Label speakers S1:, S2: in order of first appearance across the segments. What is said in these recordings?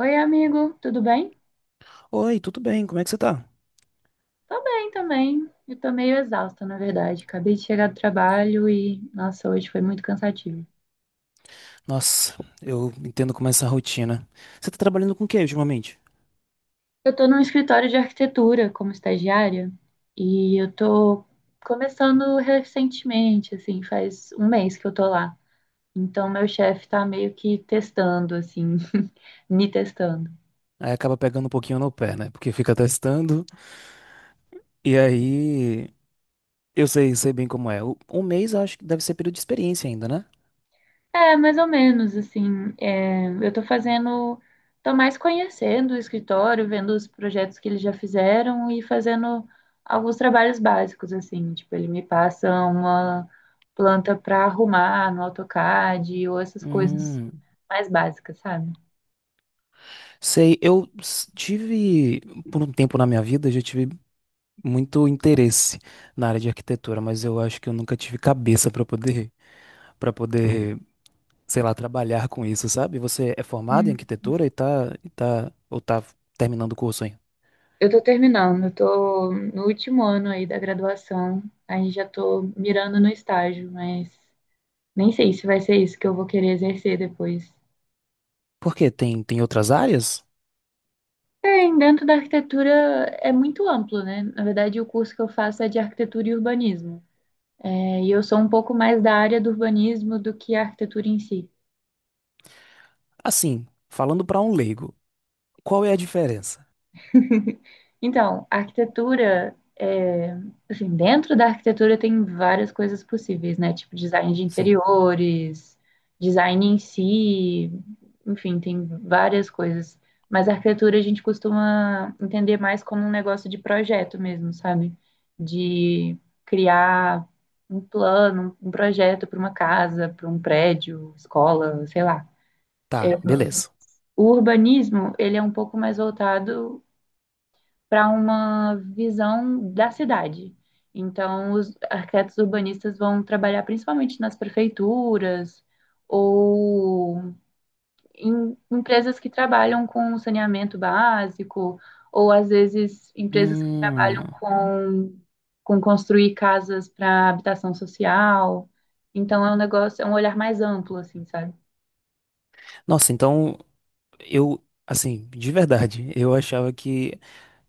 S1: Oi, amigo, tudo bem?
S2: Oi, tudo bem? Como é que você tá?
S1: Tô bem também. Eu tô meio exausta, na verdade. Acabei de chegar do trabalho e, nossa, hoje foi muito cansativo.
S2: Nossa, eu entendo como é essa rotina. Você tá trabalhando com o que ultimamente?
S1: Eu tô num escritório de arquitetura como estagiária e eu tô começando recentemente, assim, faz um mês que eu tô lá. Então, meu chefe tá meio que testando, assim, me testando.
S2: Aí acaba pegando um pouquinho no pé, né? Porque fica testando. E aí, eu sei bem como é. Um mês eu acho que deve ser período de experiência ainda, né?
S1: É, mais ou menos, assim, é, eu tô fazendo, tô mais conhecendo o escritório, vendo os projetos que eles já fizeram e fazendo alguns trabalhos básicos, assim, tipo, ele me passa uma planta para arrumar no AutoCAD ou essas coisas
S2: Hum,
S1: mais básicas, sabe?
S2: sei, tive, por um tempo na minha vida, eu já tive muito interesse na área de arquitetura, mas eu acho que eu nunca tive cabeça para poder sei lá, trabalhar com isso, sabe? Você é formado em
S1: Hum.
S2: arquitetura e tá, ou tá terminando o curso ainda.
S1: Eu tô terminando, eu tô no último ano aí da graduação, aí já tô mirando no estágio, mas nem sei se vai ser isso que eu vou querer exercer depois.
S2: Por quê? Tem outras áreas?
S1: É, em dentro da arquitetura é muito amplo, né? Na verdade, o curso que eu faço é de arquitetura e urbanismo. É, e eu sou um pouco mais da área do urbanismo do que a arquitetura em si.
S2: Assim, falando pra um leigo, qual é a diferença?
S1: Então, a arquitetura, é, assim, dentro da arquitetura tem várias coisas possíveis, né? Tipo design de
S2: Sim,
S1: interiores, design em si, enfim, tem várias coisas. Mas a arquitetura a gente costuma entender mais como um negócio de projeto mesmo, sabe? De criar um plano, um projeto para uma casa, para um prédio, escola, sei lá. É,
S2: tá, beleza.
S1: o urbanismo, ele é um pouco mais voltado para uma visão da cidade. Então, os arquitetos urbanistas vão trabalhar principalmente nas prefeituras ou em empresas que trabalham com saneamento básico, ou às vezes empresas que
S2: Hum,
S1: trabalham com construir casas para habitação social. Então, é um negócio, é um olhar mais amplo, assim, sabe?
S2: nossa, então eu, assim, de verdade, eu achava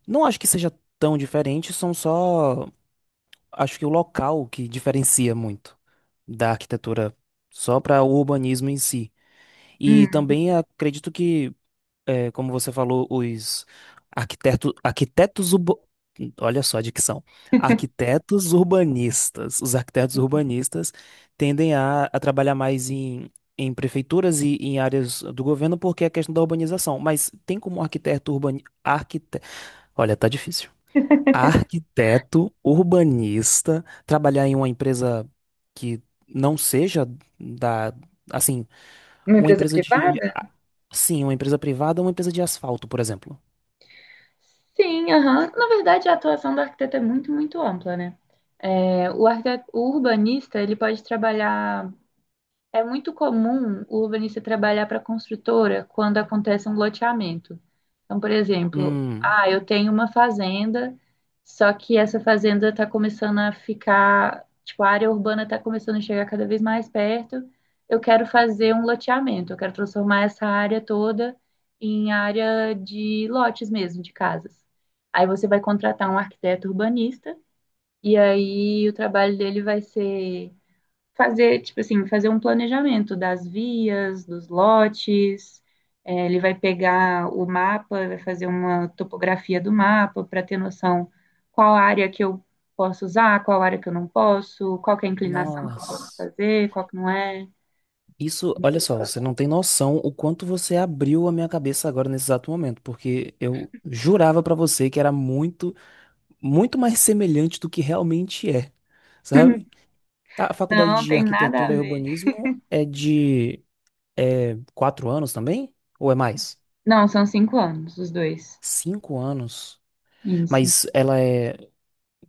S2: não acho que seja tão diferente, acho que o local que diferencia muito da arquitetura só para o urbanismo em si. E
S1: Hum.
S2: também acredito que é, como você falou, os arquiteto, arquitetos, urba- olha só a dicção, arquitetos urbanistas. Os arquitetos urbanistas tendem a trabalhar mais em prefeituras e em áreas do governo porque é a questão da urbanização. Mas tem como arquiteto urbanista, olha, tá difícil. Arquiteto urbanista trabalhar em uma empresa que não seja da, assim
S1: Uma
S2: uma
S1: empresa privada?
S2: Sim, uma empresa privada ou uma empresa de asfalto, por exemplo.
S1: Sim, aham. Na verdade, a atuação do arquiteto é muito, muito ampla, né? É, o, arquite- o urbanista, ele pode trabalhar. É muito comum o urbanista trabalhar para a construtora quando acontece um loteamento. Então, por exemplo,
S2: Hum,
S1: ah, eu tenho uma fazenda, só que essa fazenda está começando a ficar, tipo, a área urbana está começando a chegar cada vez mais perto. Eu quero fazer um loteamento, eu quero transformar essa área toda em área de lotes mesmo, de casas. Aí você vai contratar um arquiteto urbanista e aí o trabalho dele vai ser fazer, tipo assim, fazer um planejamento das vias, dos lotes. É, ele vai pegar o mapa, vai fazer uma topografia do mapa para ter noção qual área que eu posso usar, qual área que eu não posso, qual que é a inclinação que eu posso
S2: nossa.
S1: fazer, qual que não é.
S2: Isso, olha só, você não tem noção o quanto você abriu a minha cabeça agora nesse exato momento, porque eu jurava pra você que era muito, muito mais semelhante do que realmente é, sabe? A faculdade
S1: Não,
S2: de
S1: tem nada a
S2: arquitetura e
S1: ver.
S2: urbanismo é de é, 4 anos também? Ou é mais?
S1: Não, são cinco anos, os dois.
S2: 5 anos.
S1: Isso.
S2: Mas ela é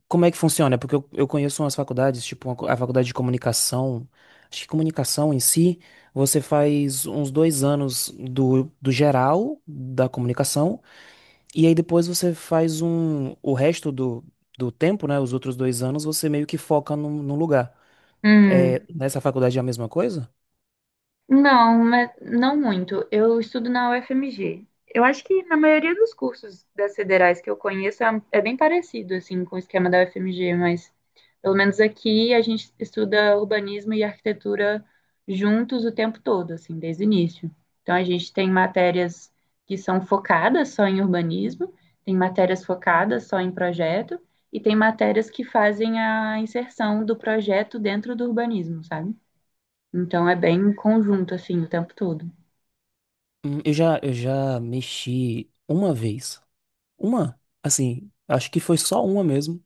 S2: como é que funciona? Porque eu conheço umas faculdades, tipo uma a faculdade de comunicação. Acho que comunicação em si, você faz uns 2 anos do geral da comunicação, e aí depois você faz um, o resto do tempo, né? Os outros 2 anos, você meio que foca num lugar.
S1: Hum.
S2: É, nessa faculdade é a mesma coisa?
S1: Não, mas não muito. Eu estudo na UFMG. Eu acho que na maioria dos cursos das federais que eu conheço é bem parecido assim com o esquema da UFMG, mas pelo menos aqui a gente estuda urbanismo e arquitetura juntos o tempo todo, assim, desde o início. Então a gente tem matérias que são focadas só em urbanismo, tem matérias focadas só em projeto e tem matérias que fazem a inserção do projeto dentro do urbanismo, sabe? Então é bem em conjunto, assim, o tempo todo.
S2: Eu já mexi uma vez. Uma, assim, acho que foi só uma mesmo,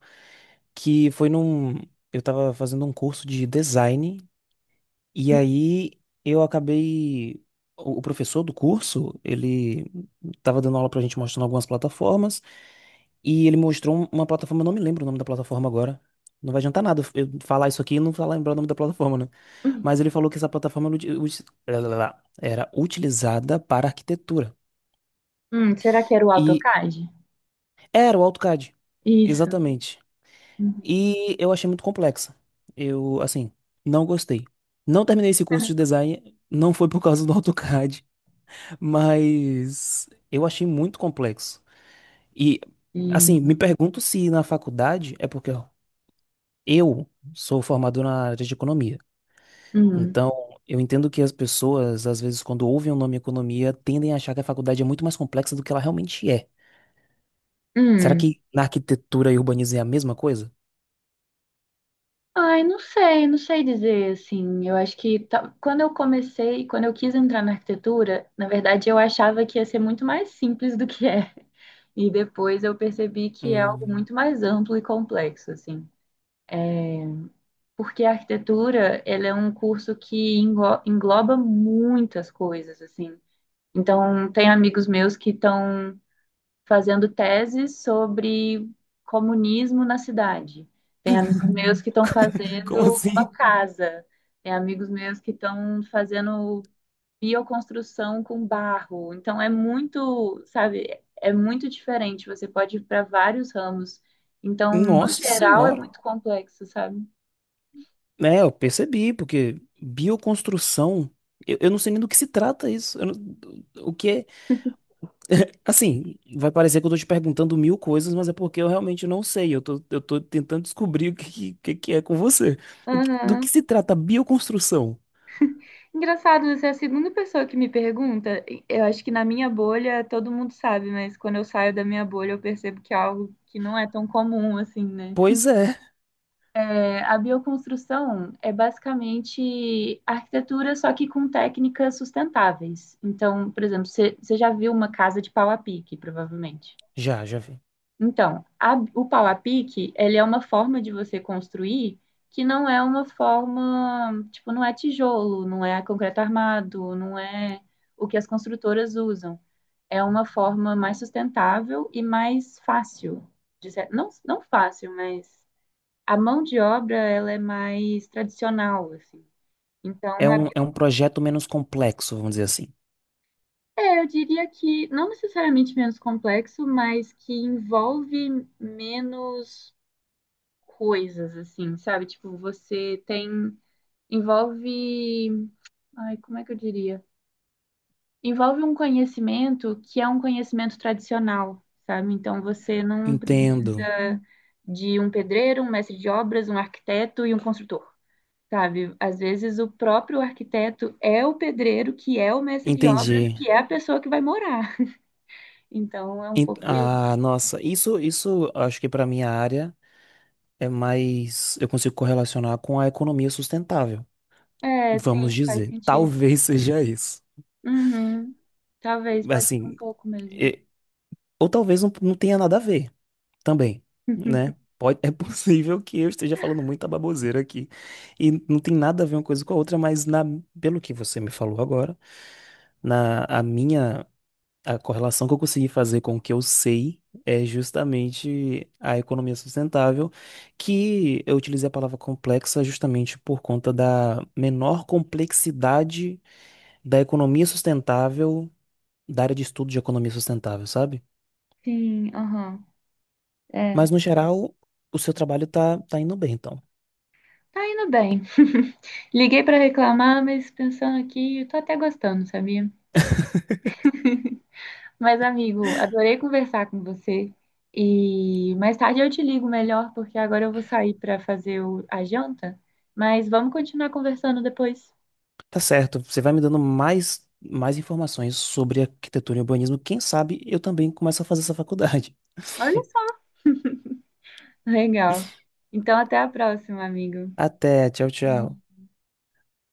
S2: que foi num. Eu tava fazendo um curso de design e aí eu acabei. O professor do curso, ele tava dando aula pra gente mostrando algumas plataformas, e ele mostrou uma plataforma, eu não me lembro o nome da plataforma agora. Não vai adiantar nada eu falar isso aqui e não falar lembrar o nome da plataforma, né?
S1: Uhum.
S2: Mas ele falou que essa plataforma era era utilizada para arquitetura.
S1: Será que era o
S2: E
S1: AutoCAD?
S2: era o AutoCAD,
S1: Isso.
S2: exatamente.
S1: Uhum.
S2: E eu achei muito complexa. Eu, assim, não gostei. Não terminei esse curso de design, não foi por causa do AutoCAD. Mas eu achei muito complexo. E,
S1: Hum,
S2: assim, me pergunto se na faculdade é porque ó, eu sou formado na área de economia.
S1: hum,
S2: Então, eu entendo que as pessoas, às vezes, quando ouvem o nome economia, tendem a achar que a faculdade é muito mais complexa do que ela realmente é. Será
S1: hum.
S2: que na arquitetura e urbanismo é a mesma coisa?
S1: Ai, não sei, não sei dizer assim. Eu acho que ta- quando eu comecei, quando eu quis entrar na arquitetura, na verdade eu achava que ia ser muito mais simples do que é. E depois eu percebi que é algo
S2: Hum,
S1: muito mais amplo e complexo, assim. Porque a arquitetura, ela é um curso que englo- engloba muitas coisas, assim. Então, tem amigos meus que estão fazendo teses sobre comunismo na cidade. Tem amigos meus que estão
S2: como
S1: fazendo uma
S2: assim?
S1: casa. Tem amigos meus que estão fazendo bioconstrução com barro. Então, é muito, sabe, é muito diferente. Você pode ir para vários ramos. Então, no
S2: Nossa
S1: geral, é
S2: senhora.
S1: muito complexo, sabe?
S2: É, eu percebi, porque bioconstrução, eu não sei nem do que se trata isso. Eu não- o que é. Assim, vai parecer que eu tô te perguntando mil coisas, mas é porque eu realmente não sei. Eu tô tentando descobrir o que é com você. Do
S1: Uhum.
S2: que se trata a bioconstrução?
S1: Engraçado, você é a segunda pessoa que me pergunta. Eu acho que na minha bolha todo mundo sabe, mas quando eu saio da minha bolha eu percebo que é algo que não é tão comum assim, né?
S2: Pois é,
S1: É, a bioconstrução é basicamente arquitetura, só que com técnicas sustentáveis. Então, por exemplo, você já viu uma casa de pau a pique, provavelmente.
S2: já, já vi.
S1: Então, a- o pau a pique, ele é uma forma de você construir que não é uma forma, tipo, não é tijolo, não é concreto armado, não é o que as construtoras usam. É uma forma mais sustentável e mais fácil. De cer- não, não fácil, mas a mão de obra, ela é mais tradicional, assim.
S2: É
S1: Então, a-
S2: é um projeto menos complexo, vamos dizer assim.
S1: é, eu diria que não necessariamente menos complexo, mas que envolve menos coisas, assim, sabe? Tipo, você tem. Envolve. Ai, como é que eu diria? Envolve um conhecimento que é um conhecimento tradicional, sabe? Então você não
S2: Entendo,
S1: precisa de um pedreiro, um mestre de obras, um arquiteto e um construtor, sabe? Às vezes o próprio arquiteto é o pedreiro, que é o mestre de obras,
S2: entendi.
S1: que é a pessoa que vai morar. Então é um
S2: En-
S1: pouco isso.
S2: ah, nossa, isso acho que para minha área é mais. Eu consigo correlacionar com a economia sustentável,
S1: É, sim,
S2: vamos
S1: faz
S2: dizer.
S1: sentido.
S2: Talvez seja isso.
S1: Uhum. Talvez, pode ser um
S2: Assim,
S1: pouco mesmo.
S2: e- ou talvez não, não tenha nada a ver. Também, né? Pode, é possível que eu esteja falando muita baboseira aqui. E não tem nada a ver uma coisa com a outra, mas na, pelo que você me falou agora, na, a minha, a correlação que eu consegui fazer com o que eu sei é justamente a economia sustentável, que eu utilizei a palavra complexa justamente por conta da menor complexidade da economia sustentável, da área de estudo de economia sustentável, sabe?
S1: Sim, aham. É,
S2: Mas no geral, o seu trabalho tá indo bem, então.
S1: tá indo bem. Liguei pra reclamar, mas pensando aqui, eu tô até gostando, sabia? Mas, amigo, adorei conversar com você. E mais tarde eu te ligo melhor, porque agora eu vou sair pra fazer o- a janta. Mas vamos continuar conversando depois.
S2: Tá certo, você vai me dando mais informações sobre arquitetura e urbanismo. Quem sabe eu também começo a fazer essa faculdade.
S1: Olha só. Legal. Então, até a próxima, amigo.
S2: Até, tchau, tchau.